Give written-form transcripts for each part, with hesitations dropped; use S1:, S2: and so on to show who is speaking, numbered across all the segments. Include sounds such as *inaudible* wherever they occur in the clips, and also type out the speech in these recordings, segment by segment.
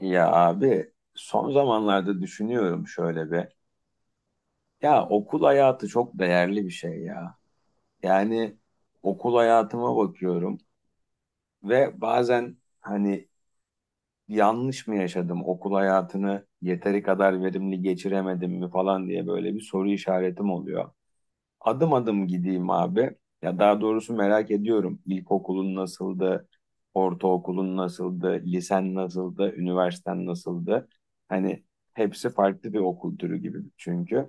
S1: Ya abi son zamanlarda düşünüyorum şöyle bir. Ya okul hayatı çok değerli bir şey ya. Yani okul hayatıma bakıyorum ve bazen hani yanlış mı yaşadım, okul hayatını yeteri kadar verimli geçiremedim mi falan diye böyle bir soru işaretim oluyor. Adım adım gideyim abi. Ya daha doğrusu merak ediyorum. İlkokulun nasıldı? Ortaokulun nasıldı? Lisen nasıldı? Üniversiten nasıldı? Hani hepsi farklı bir okul türü gibi çünkü.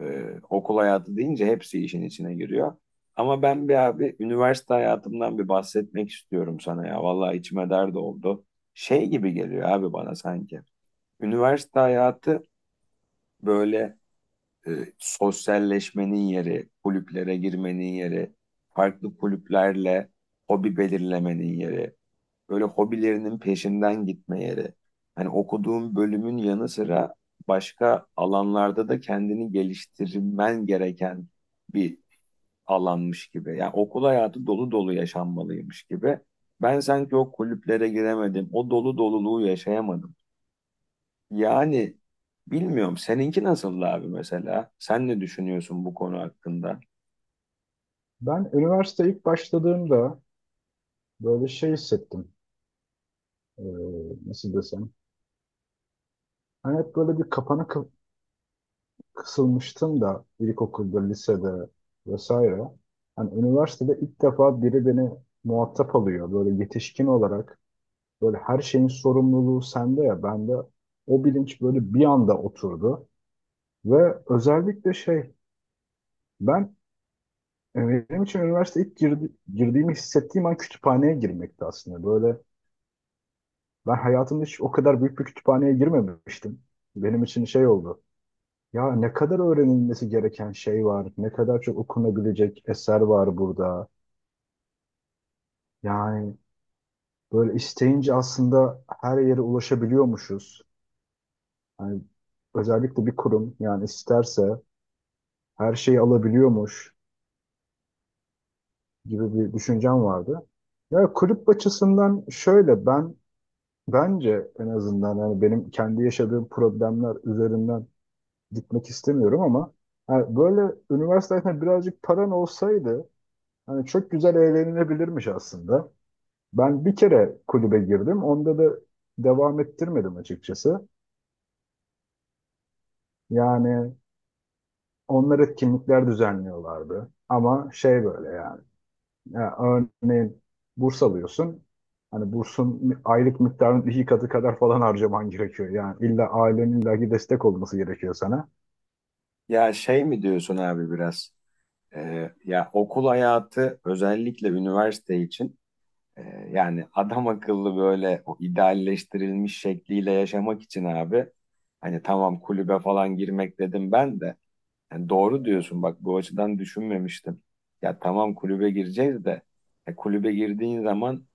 S1: Ee, Okul hayatı deyince hepsi işin içine giriyor. Ama ben bir abi üniversite hayatımdan bir bahsetmek istiyorum sana ya. Vallahi içime dert oldu. Şey gibi geliyor abi bana sanki. Üniversite hayatı böyle e, sosyalleşmenin yeri, kulüplere girmenin yeri, farklı kulüplerle hobi belirlemenin yeri, böyle hobilerinin peşinden gitme yeri. Hani okuduğun bölümün yanı sıra başka alanlarda da kendini geliştirmen gereken bir alanmış gibi. Yani okul hayatı dolu dolu yaşanmalıymış gibi. Ben sanki o kulüplere giremedim, o dolu doluluğu yaşayamadım. Yani bilmiyorum seninki nasıl abi mesela? Sen ne düşünüyorsun bu konu hakkında?
S2: Ben üniversite ilk başladığımda böyle şey hissettim. Ee, Nasıl desem. Hani hep böyle bir kısılmıştım da ilkokulda, lisede vesaire. Hani üniversitede ilk defa biri beni muhatap alıyor. Böyle yetişkin olarak böyle her şeyin sorumluluğu sende ya. Bende o bilinç böyle bir anda oturdu. Ve özellikle şey ben benim için üniversite ilk girdiğimi hissettiğim an kütüphaneye girmekti aslında. Böyle ben hayatımda hiç o kadar büyük bir kütüphaneye girmemiştim. Benim için şey oldu. Ya ne kadar öğrenilmesi gereken şey var, ne kadar çok okunabilecek eser var burada. Yani böyle isteyince aslında her yere ulaşabiliyormuşuz. Yani özellikle bir kurum yani isterse her şeyi alabiliyormuş gibi bir düşüncem vardı. Ya kulüp açısından şöyle ben, bence en azından hani benim kendi yaşadığım problemler üzerinden gitmek istemiyorum ama yani böyle üniversite hayatında birazcık paran olsaydı hani çok güzel eğlenilebilirmiş aslında. Ben bir kere kulübe girdim. Onda da devam ettirmedim açıkçası. Yani onlar etkinlikler düzenliyorlardı. Ama şey böyle yani. Ya örneğin burs alıyorsun. Hani bursun aylık miktarının iki katı kadar falan harcaman gerekiyor. Yani illa ailenin illaki destek olması gerekiyor sana.
S1: Ya şey mi diyorsun abi biraz? Ya okul hayatı özellikle üniversite için e, yani adam akıllı böyle o idealleştirilmiş şekliyle yaşamak için abi, hani tamam kulübe falan girmek dedim ben de. Yani doğru diyorsun, bak bu açıdan düşünmemiştim. Ya tamam kulübe gireceğiz de kulübe girdiğin zaman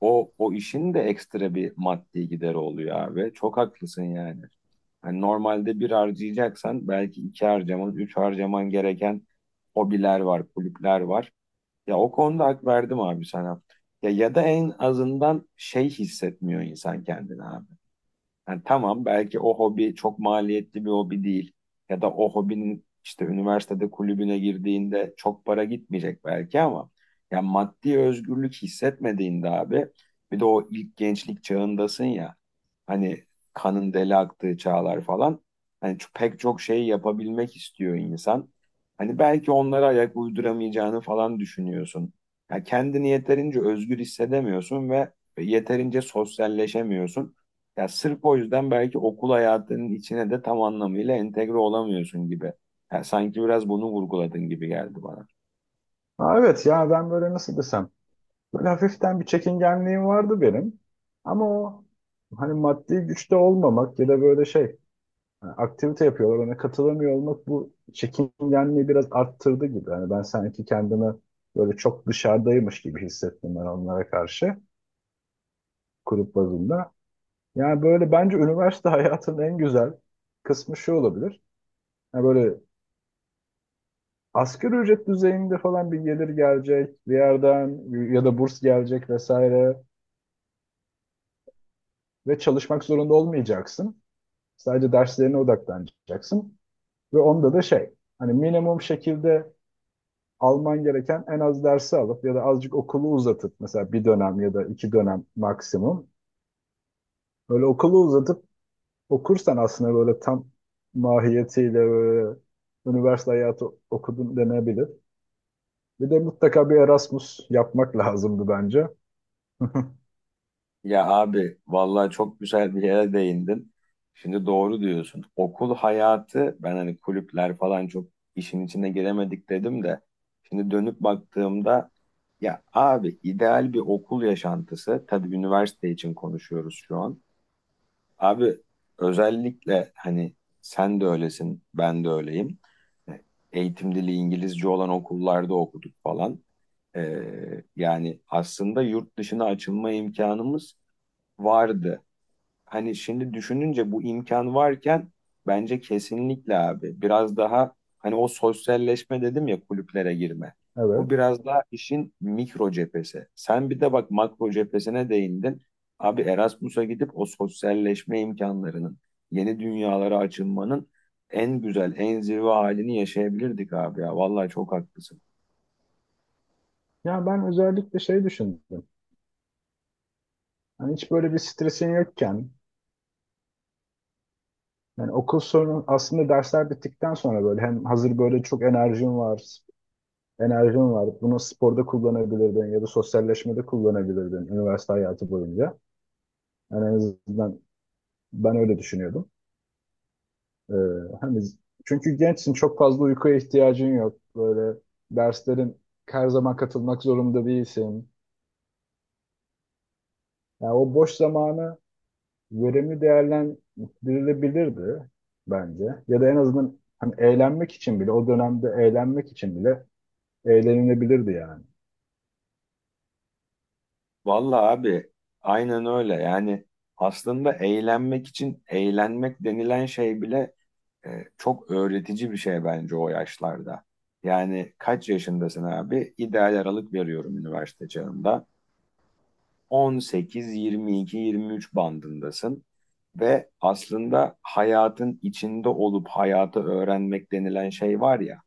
S1: o işin de ekstra bir maddi gideri oluyor abi. Çok haklısın yani. Hani normalde bir harcayacaksan belki iki harcaman, üç harcaman gereken hobiler var, kulüpler var. Ya o konuda hak verdim abi sana. Ya, ya da en azından şey hissetmiyor insan kendini abi. Yani tamam belki o hobi çok maliyetli bir hobi değil. Ya da o hobinin işte üniversitede kulübüne girdiğinde çok para gitmeyecek belki ama ya maddi özgürlük hissetmediğinde abi, bir de o ilk gençlik çağındasın ya, hani kanın deli aktığı çağlar falan, hani pek çok şey yapabilmek istiyor insan. Hani belki onlara ayak uyduramayacağını falan düşünüyorsun. Ya kendini yeterince özgür hissedemiyorsun ve yeterince sosyalleşemiyorsun. Ya sırf o yüzden belki okul hayatının içine de tam anlamıyla entegre olamıyorsun gibi. Ya sanki biraz bunu vurguladın gibi geldi bana.
S2: Ha, evet ya ben böyle nasıl desem, böyle hafiften bir çekingenliğim vardı benim. Ama o hani maddi güçte olmamak ya da böyle şey hani aktivite yapıyorlar ona katılamıyor olmak bu çekingenliği biraz arttırdı gibi. Yani ben sanki kendimi böyle çok dışarıdaymış gibi hissettim ben onlara karşı grup bazında. Yani böyle bence üniversite *laughs* hayatının en güzel kısmı şu olabilir. Yani böyle asgari ücret düzeyinde falan bir gelir gelecek bir yerden ya da burs gelecek vesaire ve çalışmak zorunda olmayacaksın. Sadece derslerine odaklanacaksın. Ve onda da şey, hani minimum şekilde alman gereken en az dersi alıp ya da azıcık okulu uzatıp mesela bir dönem ya da iki dönem maksimum. Böyle okulu uzatıp okursan aslında böyle tam mahiyetiyle böyle üniversite hayatı okudun denebilir. Bir de mutlaka bir Erasmus yapmak lazımdı bence. *laughs*
S1: Ya abi vallahi çok güzel bir yere değindin. Şimdi doğru diyorsun. Okul hayatı, ben hani kulüpler falan çok işin içine giremedik dedim de şimdi dönüp baktığımda, ya abi, ideal bir okul yaşantısı, tabii üniversite için konuşuyoruz şu an. Abi, özellikle hani sen de öylesin, ben de öyleyim. E, eğitim dili İngilizce olan okullarda okuduk falan. Ee, Yani aslında yurt dışına açılma imkanımız vardı. Hani şimdi düşününce bu imkan varken bence kesinlikle abi biraz daha, hani o sosyalleşme dedim ya, kulüplere girme.
S2: Evet.
S1: Bu biraz daha işin mikro cephesi. Sen bir de bak makro cephesine değindin. Abi Erasmus'a gidip o sosyalleşme imkanlarının, yeni dünyalara açılmanın en güzel, en zirve halini yaşayabilirdik abi ya. Vallahi çok haklısın.
S2: Ya ben özellikle şey düşündüm. Hani hiç böyle bir stresin yokken, yani okul sorunu aslında dersler bittikten sonra böyle hem hazır böyle çok enerjin var. Bunu sporda kullanabilirdin ya da sosyalleşmede kullanabilirdin üniversite hayatı boyunca. Yani en azından ben öyle düşünüyordum. Ee, Hani çünkü gençsin, çok fazla uykuya ihtiyacın yok. Böyle derslerin her zaman katılmak zorunda değilsin. Yani o boş zamanı verimli değerlendirilebilirdi bence. Ya da en azından hani eğlenmek için bile o dönemde eğlenmek için bile eğlenilebilirdi yani.
S1: Vallahi abi aynen öyle. Yani aslında eğlenmek için eğlenmek denilen şey bile, e, çok öğretici bir şey bence o yaşlarda. Yani kaç yaşındasın abi? İdeal aralık veriyorum, üniversite çağında. 18, 22, 23 bandındasın. Ve aslında hayatın içinde olup hayatı öğrenmek denilen şey var ya.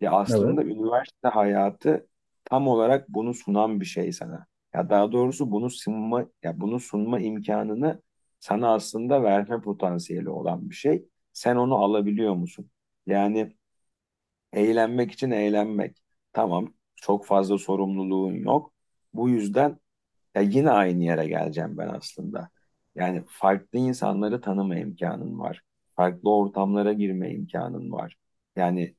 S1: Ya
S2: Evet.
S1: aslında üniversite hayatı tam olarak bunu sunan bir şey sana. Ya daha doğrusu bunu sunma, ya bunu sunma imkanını sana aslında verme potansiyeli olan bir şey. Sen onu alabiliyor musun? Yani eğlenmek için eğlenmek. Tamam, çok fazla sorumluluğun yok. Bu yüzden ya yine aynı yere geleceğim ben aslında. Yani farklı insanları tanıma imkanın var. Farklı ortamlara girme imkanın var. Yani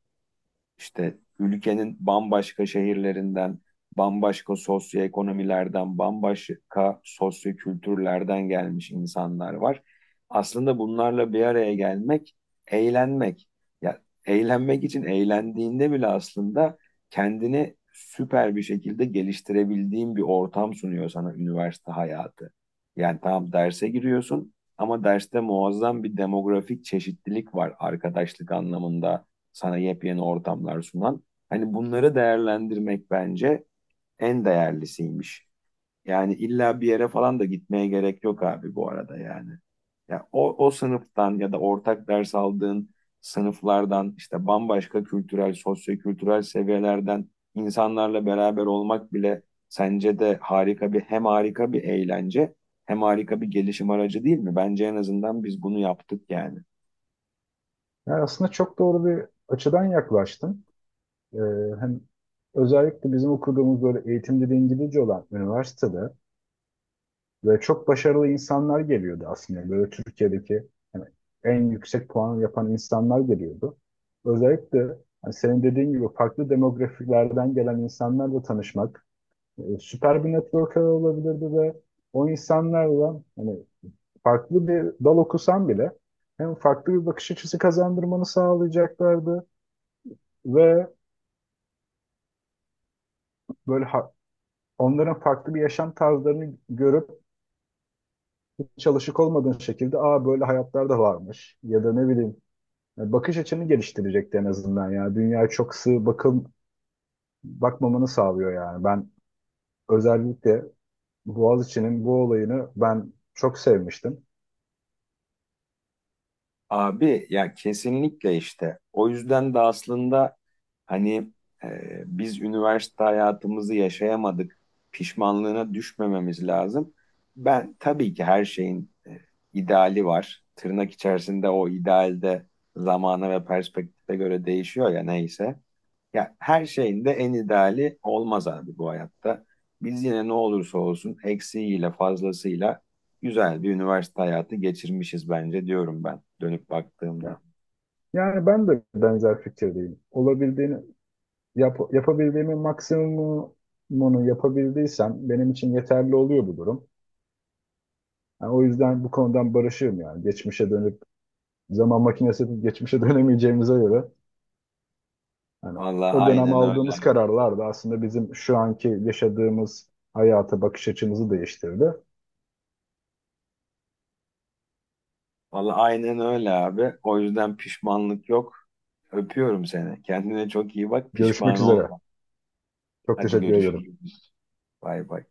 S1: işte ülkenin bambaşka şehirlerinden, bambaşka sosyoekonomilerden, bambaşka sosyokültürlerden gelmiş insanlar var. Aslında bunlarla bir araya gelmek, eğlenmek. Ya eğlenmek için eğlendiğinde bile aslında kendini süper bir şekilde geliştirebildiğin bir ortam sunuyor sana üniversite hayatı. Yani tamam derse giriyorsun, ama derste muazzam bir demografik çeşitlilik var, arkadaşlık anlamında sana yepyeni ortamlar sunan. Hani bunları değerlendirmek bence en değerlisiymiş. Yani illa bir yere falan da gitmeye gerek yok abi bu arada yani. Ya o sınıftan ya da ortak ders aldığın sınıflardan işte bambaşka kültürel, sosyokültürel seviyelerden insanlarla beraber olmak bile, sence de harika bir, hem harika bir eğlence hem harika bir gelişim aracı değil mi? Bence en azından biz bunu yaptık yani.
S2: Yani aslında çok doğru bir açıdan yaklaştın. Ee, Hem özellikle bizim okuduğumuz böyle eğitim dili İngilizce olan üniversitede ve çok başarılı insanlar geliyordu aslında. Böyle Türkiye'deki hani en yüksek puan yapan insanlar geliyordu. Özellikle hani senin dediğin gibi farklı demografilerden gelen insanlarla tanışmak süper bir networker olabilirdi ve o insanlarla hani farklı bir dal okusan bile hem farklı bir bakış açısı kazandırmanı sağlayacaklardı ve böyle onların farklı bir yaşam tarzlarını görüp çalışık olmadığın şekilde aa böyle hayatlar da varmış ya da ne bileyim yani bakış açını geliştirecekti en azından. Yani dünyaya çok sığ bakmamanı sağlıyor. Yani ben özellikle Boğaziçi'nin bu olayını ben çok sevmiştim.
S1: Abi ya kesinlikle işte. O yüzden de aslında hani, e, biz üniversite hayatımızı yaşayamadık. Pişmanlığına düşmememiz lazım. Ben tabii ki her şeyin e, ideali var. Tırnak içerisinde o idealde zamana ve perspektife göre değişiyor ya, neyse. Ya her şeyin de en ideali olmaz abi bu hayatta. Biz yine ne olursa olsun eksiğiyle fazlasıyla güzel bir üniversite hayatı geçirmişiz bence, diyorum ben dönüp baktığımda.
S2: Yani ben de benzer fikirdeyim. Yapabildiğimin maksimumunu yapabildiysem benim için yeterli oluyor bu durum. Yani o yüzden bu konudan barışığım yani. Geçmişe dönüp zaman makinesi yapıp geçmişe *laughs* dönemeyeceğimize göre yani
S1: Vallahi
S2: o dönem
S1: aynen öyle
S2: aldığımız
S1: abi.
S2: kararlar da aslında bizim şu anki yaşadığımız hayata bakış açımızı değiştirdi.
S1: Vallahi aynen öyle abi. O yüzden pişmanlık yok. Öpüyorum seni. Kendine çok iyi bak.
S2: Görüşmek
S1: Pişman
S2: üzere.
S1: olma.
S2: Çok
S1: Hadi
S2: teşekkür ederim.
S1: görüşürüz. Bay bay.